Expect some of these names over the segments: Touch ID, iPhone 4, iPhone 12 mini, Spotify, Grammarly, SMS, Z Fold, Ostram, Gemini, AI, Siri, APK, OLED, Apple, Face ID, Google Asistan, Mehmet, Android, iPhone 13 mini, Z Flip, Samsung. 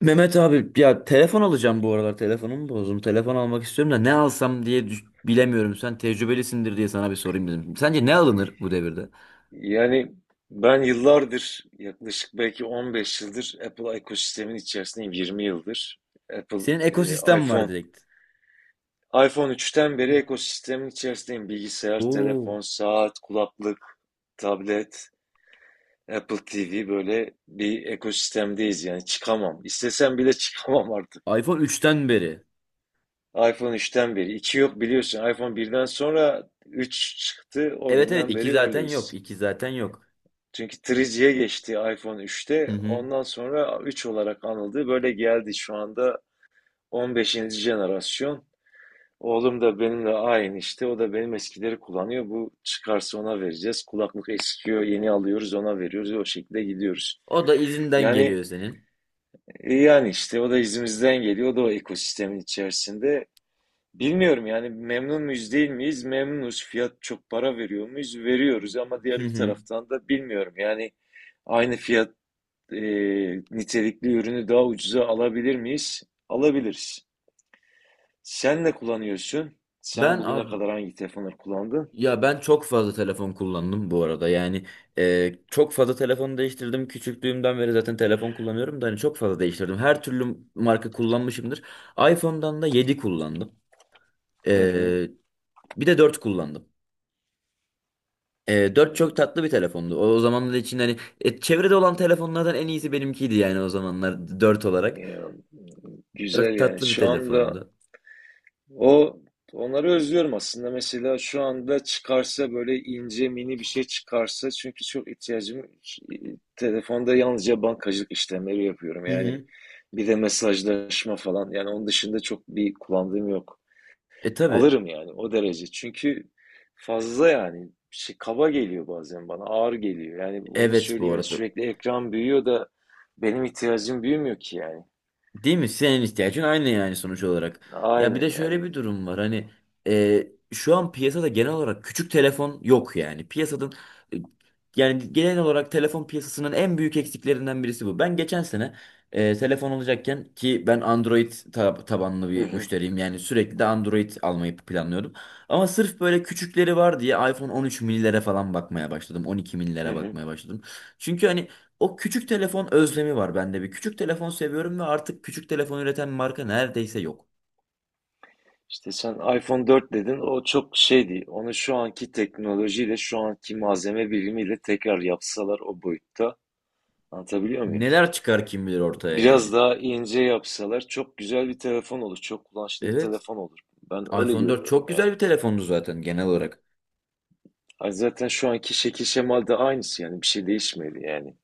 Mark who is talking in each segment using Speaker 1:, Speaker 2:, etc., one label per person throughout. Speaker 1: Mehmet abi, ya telefon alacağım bu aralar, telefonumu bozdum. Telefon almak istiyorum da ne alsam diye bilemiyorum. Sen tecrübelisindir diye sana bir sorayım dedim. Sence ne alınır bu devirde?
Speaker 2: Yani ben yıllardır yaklaşık belki 15 yıldır Apple ekosistemin içerisindeyim 20 yıldır. Apple
Speaker 1: Senin
Speaker 2: e,
Speaker 1: ekosistem var
Speaker 2: iPhone
Speaker 1: direkt.
Speaker 2: iPhone 3'ten beri ekosistemin içerisindeyim. Bilgisayar,
Speaker 1: Oo.
Speaker 2: telefon, saat, kulaklık, tablet, Apple TV böyle bir ekosistemdeyiz yani çıkamam. İstesem bile çıkamam artık.
Speaker 1: iPhone 3'ten beri.
Speaker 2: iPhone 3'ten beri. İki yok biliyorsun. iPhone 1'den sonra 3 çıktı. O
Speaker 1: Evet evet,
Speaker 2: günden
Speaker 1: 2
Speaker 2: beri
Speaker 1: zaten
Speaker 2: öyleyiz.
Speaker 1: yok. İki zaten yok.
Speaker 2: Çünkü 3G'ye geçti iPhone
Speaker 1: Hı
Speaker 2: 3'te.
Speaker 1: hı.
Speaker 2: Ondan sonra 3 olarak anıldı. Böyle geldi şu anda 15. jenerasyon. Oğlum da benimle aynı işte. O da benim eskileri kullanıyor. Bu çıkarsa ona vereceğiz. Kulaklık eskiyor, yeni alıyoruz, ona veriyoruz. O şekilde gidiyoruz.
Speaker 1: O da izinden
Speaker 2: Yani
Speaker 1: geliyor senin.
Speaker 2: yani işte o da izimizden geliyor. O da o ekosistemin içerisinde. Bilmiyorum yani memnun muyuz değil miyiz? Memnunuz. Fiyat çok para veriyor muyuz? Veriyoruz ama
Speaker 1: Hı
Speaker 2: diğer bir
Speaker 1: hı.
Speaker 2: taraftan da bilmiyorum. Yani aynı fiyat e, nitelikli ürünü daha ucuza alabilir miyiz? Alabiliriz. Sen ne kullanıyorsun? Sen
Speaker 1: Ben
Speaker 2: bugüne
Speaker 1: abi.
Speaker 2: kadar hangi telefonları kullandın?
Speaker 1: Ya ben çok fazla telefon kullandım bu arada. Yani çok fazla telefon değiştirdim. Küçüklüğümden beri zaten telefon kullanıyorum da hani çok fazla değiştirdim. Her türlü marka kullanmışımdır. iPhone'dan da 7 kullandım.
Speaker 2: Hı hı.
Speaker 1: E, bir de dört kullandım. 4 çok tatlı bir telefondu. O zamanlar için hani çevrede olan telefonlardan en iyisi benimkiydi yani o zamanlar dört olarak.
Speaker 2: Ya, güzel
Speaker 1: Dört
Speaker 2: yani.
Speaker 1: tatlı bir
Speaker 2: Şu anda
Speaker 1: telefondu.
Speaker 2: o onları özlüyorum aslında. Mesela şu anda çıkarsa böyle ince mini bir şey çıkarsa çünkü çok ihtiyacım telefonda yalnızca bankacılık işlemleri yapıyorum.
Speaker 1: Hı
Speaker 2: Yani
Speaker 1: hı.
Speaker 2: bir de mesajlaşma falan. Yani onun dışında çok bir kullandığım yok.
Speaker 1: E tabii.
Speaker 2: Alırım yani o derece. Çünkü fazla yani şey, kaba geliyor bazen bana, ağır geliyor. Yani onu
Speaker 1: Evet bu
Speaker 2: söyleyeyim ya
Speaker 1: arada.
Speaker 2: sürekli ekran büyüyor da benim ihtiyacım büyümüyor ki yani.
Speaker 1: Değil mi? Senin ihtiyacın aynı yani sonuç olarak. Ya bir
Speaker 2: Aynen
Speaker 1: de şöyle
Speaker 2: yani.
Speaker 1: bir durum var. Hani e, şu an piyasada genel olarak küçük telefon yok yani. Piyasanın e, yani genel olarak telefon piyasasının en büyük eksiklerinden birisi bu. Ben geçen sene telefon alacakken ki ben Android tabanlı
Speaker 2: Hı
Speaker 1: bir
Speaker 2: hı,
Speaker 1: müşteriyim. Yani sürekli de Android almayı planlıyordum. Ama sırf böyle küçükleri var diye iPhone 13 minilere falan bakmaya başladım. 12
Speaker 2: hı
Speaker 1: minilere
Speaker 2: hı.
Speaker 1: bakmaya başladım. Çünkü hani o küçük telefon özlemi var bende bir. Küçük telefon seviyorum ve artık küçük telefon üreten marka neredeyse yok.
Speaker 2: İşte sen iPhone 4 dedin o çok şeydi. Onu şu anki teknolojiyle şu anki malzeme bilimiyle tekrar yapsalar o boyutta anlatabiliyor muyum?
Speaker 1: Neler çıkar kim bilir ortaya
Speaker 2: Biraz
Speaker 1: yani.
Speaker 2: daha ince yapsalar çok güzel bir telefon olur. Çok kullanışlı bir
Speaker 1: Evet,
Speaker 2: telefon olur. Ben öyle
Speaker 1: iPhone 4
Speaker 2: görüyorum
Speaker 1: çok güzel
Speaker 2: yani.
Speaker 1: bir telefondu zaten genel olarak.
Speaker 2: Ay zaten şu anki şekil şemalde aynısı yani bir şey değişmedi yani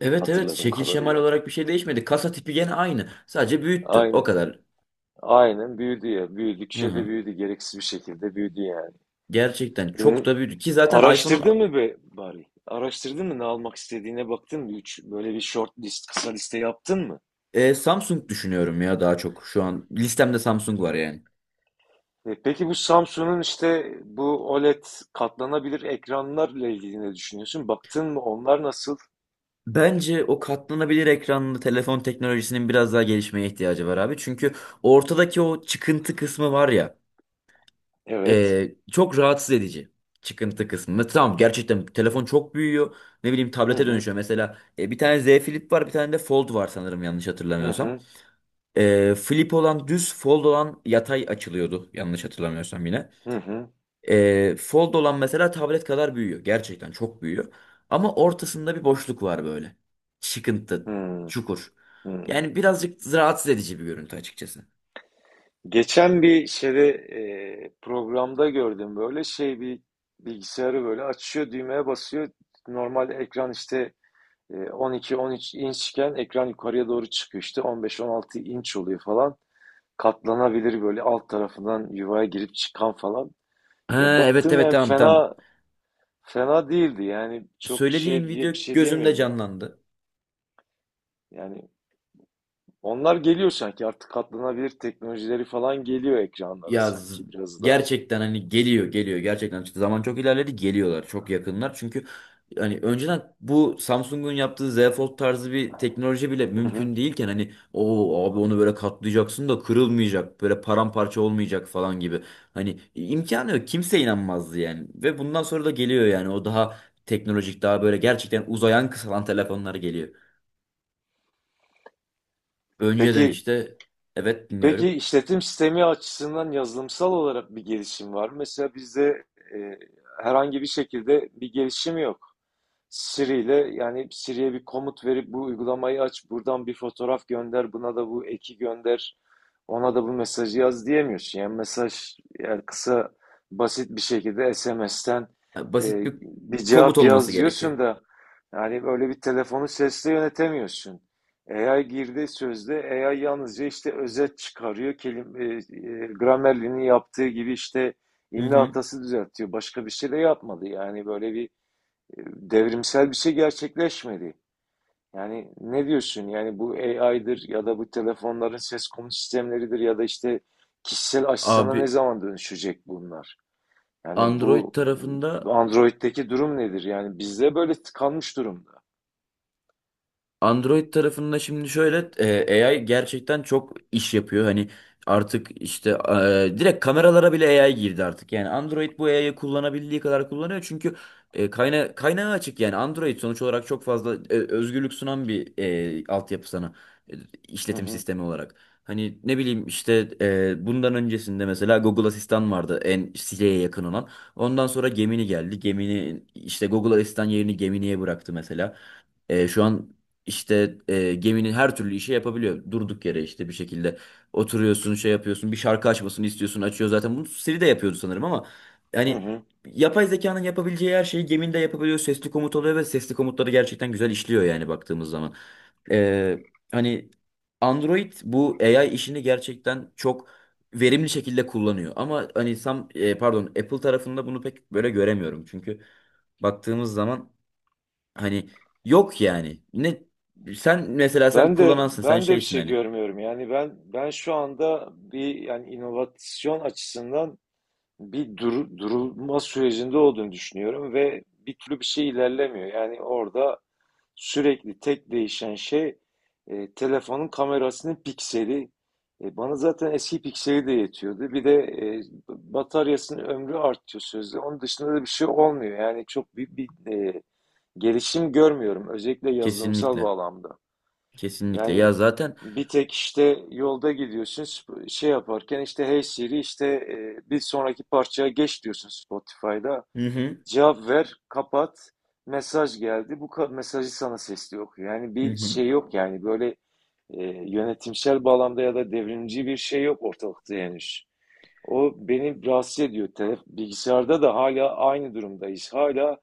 Speaker 1: Evet evet,
Speaker 2: hatırladığım
Speaker 1: şekil şemal
Speaker 2: kadarıyla.
Speaker 1: olarak bir şey değişmedi. Kasa tipi gene aynı. Sadece büyüttü. O
Speaker 2: Aynen.
Speaker 1: kadar.
Speaker 2: Aynen büyüdü ya.
Speaker 1: Hı
Speaker 2: Büyüdükçe de
Speaker 1: hı.
Speaker 2: büyüdü. Gereksiz bir şekilde büyüdü yani.
Speaker 1: Gerçekten çok
Speaker 2: Hı.
Speaker 1: da büyüdü. Ki zaten iPhone'un.
Speaker 2: Araştırdın mı be bari? Araştırdın mı ne almak istediğine baktın mı? Üç, böyle bir short list, kısa liste yaptın mı?
Speaker 1: Samsung düşünüyorum ya daha çok şu an. Listemde Samsung var yani.
Speaker 2: Peki bu Samsung'un işte bu OLED katlanabilir ekranlarla ilgili ne düşünüyorsun? Baktın mı onlar nasıl?
Speaker 1: Bence o katlanabilir ekranlı telefon teknolojisinin biraz daha gelişmeye ihtiyacı var abi. Çünkü ortadaki o çıkıntı kısmı var ya,
Speaker 2: Evet.
Speaker 1: çok rahatsız edici. Çıkıntı kısmı. Mesela tamam, gerçekten telefon çok büyüyor. Ne bileyim,
Speaker 2: Hı
Speaker 1: tablete
Speaker 2: hı.
Speaker 1: dönüşüyor. Mesela bir tane Z Flip var, bir tane de Fold var sanırım, yanlış
Speaker 2: Hı
Speaker 1: hatırlamıyorsam.
Speaker 2: hı.
Speaker 1: Flip olan düz, Fold olan yatay açılıyordu, yanlış hatırlamıyorsam yine.
Speaker 2: Hı hı.
Speaker 1: Fold olan mesela tablet kadar büyüyor. Gerçekten çok büyüyor. Ama ortasında bir boşluk var böyle. Çıkıntı,
Speaker 2: Hı
Speaker 1: çukur.
Speaker 2: hı.
Speaker 1: Yani birazcık rahatsız edici bir görüntü açıkçası.
Speaker 2: Geçen bir şeyde programda gördüm böyle şey bir bilgisayarı böyle açıyor düğmeye basıyor. Normal ekran işte 12-13 inçken ekran yukarıya doğru çıkıyor işte 15-16 inç oluyor falan. Katlanabilir böyle alt tarafından yuvaya girip çıkan falan. Ya
Speaker 1: Ha, evet
Speaker 2: baktım
Speaker 1: evet,
Speaker 2: yani
Speaker 1: tamam tamam.
Speaker 2: fena fena değildi yani çok
Speaker 1: Söylediğin
Speaker 2: şey diye
Speaker 1: video
Speaker 2: bir şey
Speaker 1: gözümde
Speaker 2: diyemiyorum ya.
Speaker 1: canlandı.
Speaker 2: Yani onlar geliyor sanki artık katlanabilir teknolojileri falan geliyor ekranlara
Speaker 1: Ya z-
Speaker 2: sanki biraz daha.
Speaker 1: gerçekten hani geliyor geliyor, gerçekten çıktı. Zaman çok ilerledi, geliyorlar çok yakınlar. Çünkü hani önceden bu Samsung'un yaptığı Z Fold tarzı bir teknoloji bile
Speaker 2: Hı hı.
Speaker 1: mümkün değilken, hani o abi onu böyle katlayacaksın da kırılmayacak, böyle paramparça olmayacak falan gibi. Hani imkanı yok, kimse inanmazdı yani, ve bundan sonra da geliyor yani, o daha teknolojik, daha böyle gerçekten uzayan kısalan telefonlar geliyor. Önceden
Speaker 2: Peki
Speaker 1: işte. Evet,
Speaker 2: Peki
Speaker 1: dinliyorum.
Speaker 2: işletim sistemi açısından yazılımsal olarak bir gelişim var mı? Mesela bizde e, herhangi bir şekilde bir gelişim yok. Siri ile yani Siri'ye bir komut verip bu uygulamayı aç, buradan bir fotoğraf gönder, buna da bu eki gönder, ona da bu mesajı yaz diyemiyorsun. Yani mesaj yani kısa basit bir şekilde SMS'ten
Speaker 1: Basit bir
Speaker 2: bir
Speaker 1: komut
Speaker 2: cevap
Speaker 1: olması
Speaker 2: yaz
Speaker 1: gerekiyor.
Speaker 2: diyorsun da yani böyle bir telefonu sesle yönetemiyorsun. AI girdi sözde AI yalnızca işte özet çıkarıyor. Grammarly'nin yaptığı gibi işte
Speaker 1: Hı
Speaker 2: imla
Speaker 1: hı.
Speaker 2: hatası düzeltiyor. Başka bir şey de yapmadı. Yani böyle bir devrimsel bir şey gerçekleşmedi. Yani ne diyorsun? Yani bu AI'dır ya da bu telefonların ses komut sistemleridir ya da işte kişisel asistana ne
Speaker 1: Abi,
Speaker 2: zaman dönüşecek bunlar? Yani
Speaker 1: Android
Speaker 2: bu
Speaker 1: tarafında.
Speaker 2: Android'deki durum nedir? Yani bizde böyle tıkanmış durumda.
Speaker 1: Android tarafında şimdi şöyle AI gerçekten çok iş yapıyor. Hani artık işte direkt kameralara bile AI girdi artık. Yani Android bu AI'yı kullanabildiği kadar kullanıyor. Çünkü kaynağı açık yani Android sonuç olarak çok fazla özgürlük sunan bir altyapı sana e,
Speaker 2: Hı
Speaker 1: işletim
Speaker 2: hı,
Speaker 1: sistemi olarak. Hani ne bileyim işte bundan öncesinde mesela Google Asistan vardı, en Siri'ye yakın olan. Ondan sonra Gemini geldi. Gemini işte Google Asistan yerini Gemini'ye bıraktı mesela. Şu an işte geminin her türlü işi yapabiliyor. Durduk yere işte bir şekilde oturuyorsun, şey yapıyorsun, bir şarkı açmasını istiyorsun, açıyor zaten. Bunu Siri de yapıyordu sanırım ama
Speaker 2: hı
Speaker 1: yani
Speaker 2: hı.
Speaker 1: yapay zekanın yapabileceği her şeyi geminde yapabiliyor. Sesli komut oluyor ve sesli komutları gerçekten güzel işliyor yani baktığımız zaman. E, hani Android bu AI işini gerçekten çok verimli şekilde kullanıyor. Ama hani pardon, Apple tarafında bunu pek böyle göremiyorum. Çünkü baktığımız zaman, hani yok yani. Sen mesela sen
Speaker 2: Ben de
Speaker 1: kullanansın, sen
Speaker 2: ben de bir
Speaker 1: şeysin
Speaker 2: şey
Speaker 1: hani.
Speaker 2: görmüyorum. Yani ben şu anda bir yani inovasyon açısından bir durulma sürecinde olduğunu düşünüyorum ve bir türlü bir şey ilerlemiyor. Yani orada sürekli tek değişen şey telefonun kamerasının pikseli. Bana zaten eski pikseli de yetiyordu. Bir de bataryasının ömrü artıyor sözde. Onun dışında da bir şey olmuyor. Yani çok büyük bir gelişim görmüyorum. Özellikle yazılımsal
Speaker 1: Kesinlikle.
Speaker 2: bağlamda.
Speaker 1: Kesinlikle. Ya
Speaker 2: Yani
Speaker 1: zaten.
Speaker 2: bir tek işte yolda gidiyorsun şey yaparken işte Hey Siri işte bir sonraki parçaya geç diyorsun Spotify'da.
Speaker 1: Hı hı.
Speaker 2: Cevap ver, kapat. Mesaj geldi. Bu mesajı sana sesli okuyor. Yani
Speaker 1: Hı
Speaker 2: bir
Speaker 1: hı.
Speaker 2: şey yok yani böyle yönetimsel bağlamda ya da devrimci bir şey yok ortalıkta henüz. O beni rahatsız ediyor. Bilgisayarda da hala aynı durumdayız. Hala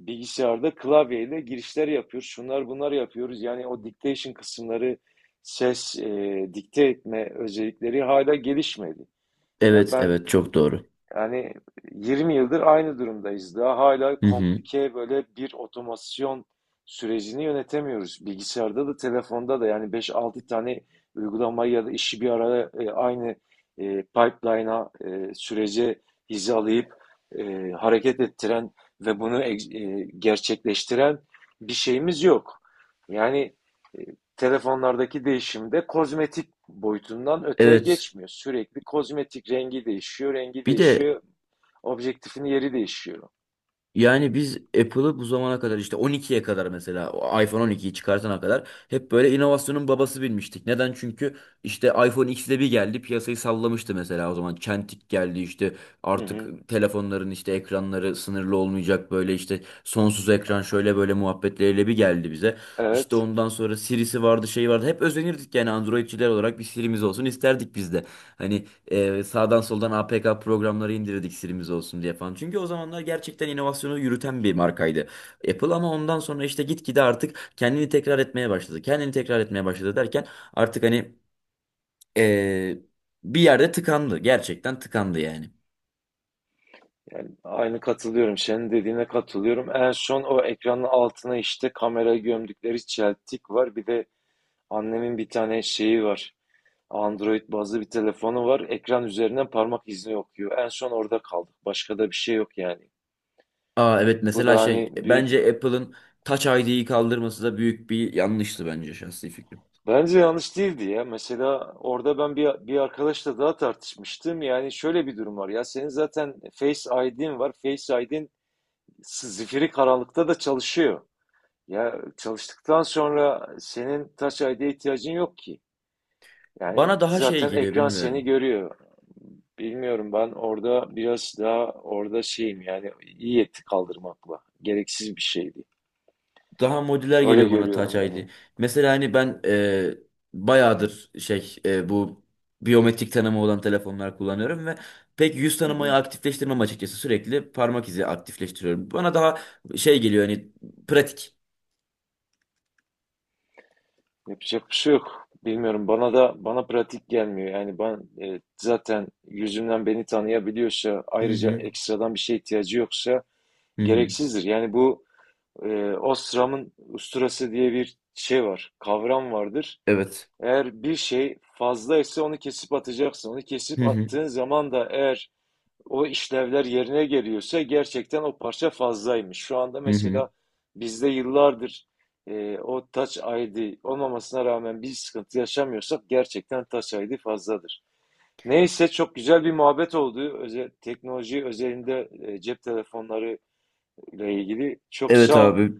Speaker 2: bilgisayarda klavyeyle girişler yapıyoruz. Şunlar bunlar yapıyoruz. Yani o dictation kısımları, ses, dikte etme özellikleri hala gelişmedi. Yani
Speaker 1: Evet
Speaker 2: ben
Speaker 1: evet, çok doğru.
Speaker 2: yani 20 yıldır aynı durumdayız. Daha hala
Speaker 1: Hı hı.
Speaker 2: komplike böyle bir otomasyon sürecini yönetemiyoruz. Bilgisayarda da telefonda da yani 5-6 tane uygulamayı ya da işi bir araya aynı pipeline'a sürece hizalayıp hareket ettiren ve bunu gerçekleştiren bir şeyimiz yok. Yani e, telefonlardaki değişimde kozmetik boyutundan öteye
Speaker 1: Evet.
Speaker 2: geçmiyor. Sürekli kozmetik rengi değişiyor, rengi
Speaker 1: Bir de.
Speaker 2: değişiyor, objektifin yeri değişiyor.
Speaker 1: Yani biz Apple'ı bu zamana kadar işte 12'ye kadar, mesela o iPhone 12'yi çıkartana kadar hep böyle inovasyonun babası bilmiştik. Neden? Çünkü işte iPhone X'de bir geldi, piyasayı sallamıştı mesela o zaman. Çentik geldi işte,
Speaker 2: Hı hı.
Speaker 1: artık telefonların işte ekranları sınırlı olmayacak, böyle işte sonsuz ekran, şöyle böyle muhabbetleriyle bir geldi bize. İşte
Speaker 2: Evet,
Speaker 1: ondan sonra Siri'si vardı, şey vardı, hep özenirdik yani, Androidçiler olarak bir Siri'miz olsun isterdik biz de. Hani sağdan soldan APK programları indirdik, silimiz olsun diye falan. Çünkü o zamanlar gerçekten inovasyonu yürüten bir markaydı. Apple, ama ondan sonra işte gitgide artık kendini tekrar etmeye başladı. Kendini tekrar etmeye başladı derken, artık hani ee, bir yerde tıkandı. Gerçekten tıkandı yani.
Speaker 2: yani aynı katılıyorum. Senin dediğine katılıyorum. En son o ekranın altına işte kamera gömdükleri çeltik var. Bir de annemin bir tane şeyi var. Android bazlı bir telefonu var. Ekran üzerinden parmak izni okuyor. En son orada kaldık. Başka da bir şey yok yani.
Speaker 1: Aa evet,
Speaker 2: Bu
Speaker 1: mesela
Speaker 2: da
Speaker 1: şey,
Speaker 2: hani büyük
Speaker 1: bence Apple'ın Touch ID'yi kaldırması da büyük bir yanlıştı, bence şahsi fikrim.
Speaker 2: Bence yanlış değildi ya. Mesela orada ben bir arkadaşla daha tartışmıştım. Yani şöyle bir durum var ya. Senin zaten Face ID'in var. Face ID'in zifiri karanlıkta da çalışıyor. Ya çalıştıktan sonra senin Touch ID'ye ihtiyacın yok ki. Yani
Speaker 1: Bana daha şey
Speaker 2: zaten
Speaker 1: geliyor,
Speaker 2: ekran seni
Speaker 1: bilmiyorum.
Speaker 2: görüyor. Bilmiyorum ben orada biraz daha orada şeyim yani iyi etti kaldırmakla. Gereksiz bir şeydi.
Speaker 1: Daha modüler
Speaker 2: Öyle
Speaker 1: geliyor bana Touch
Speaker 2: görüyorum yani.
Speaker 1: ID. Mesela hani ben bayağıdır şey bu biyometrik tanıma olan telefonlar kullanıyorum ve pek yüz
Speaker 2: Hı
Speaker 1: tanımayı
Speaker 2: hı.
Speaker 1: aktifleştirmem açıkçası. Sürekli parmak izi aktifleştiriyorum. Bana daha şey geliyor hani, pratik.
Speaker 2: Yapacak bir şey yok. Bilmiyorum bana pratik gelmiyor. Yani ben zaten yüzümden beni tanıyabiliyorsa
Speaker 1: Hı
Speaker 2: ayrıca
Speaker 1: hı.
Speaker 2: ekstradan bir şeye ihtiyacı yoksa
Speaker 1: Hı hı.
Speaker 2: gereksizdir. Yani bu Ostram'ın usturası diye bir şey var, kavram vardır.
Speaker 1: Evet.
Speaker 2: Eğer bir şey fazlaysa onu kesip atacaksın. Onu kesip
Speaker 1: Hı hı.
Speaker 2: attığın zaman da eğer o işlevler yerine geliyorsa gerçekten o parça fazlaymış. Şu anda
Speaker 1: Hı hı.
Speaker 2: mesela bizde yıllardır o Touch ID olmamasına rağmen bir sıkıntı yaşamıyorsak gerçekten Touch ID fazladır. Neyse çok güzel bir muhabbet oldu. Özel, teknoloji özelinde cep telefonları ile ilgili. Çok
Speaker 1: Evet
Speaker 2: sağ ol.
Speaker 1: abi.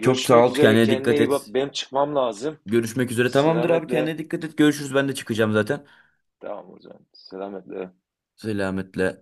Speaker 1: Çok sağ ol,
Speaker 2: üzere.
Speaker 1: kendine
Speaker 2: Kendine
Speaker 1: dikkat
Speaker 2: iyi bak.
Speaker 1: et.
Speaker 2: Benim çıkmam lazım.
Speaker 1: Görüşmek üzere. Tamamdır abi,
Speaker 2: Selametle.
Speaker 1: kendine dikkat et. Görüşürüz. Ben de çıkacağım zaten.
Speaker 2: Tamam hocam. Selametle.
Speaker 1: Selametle.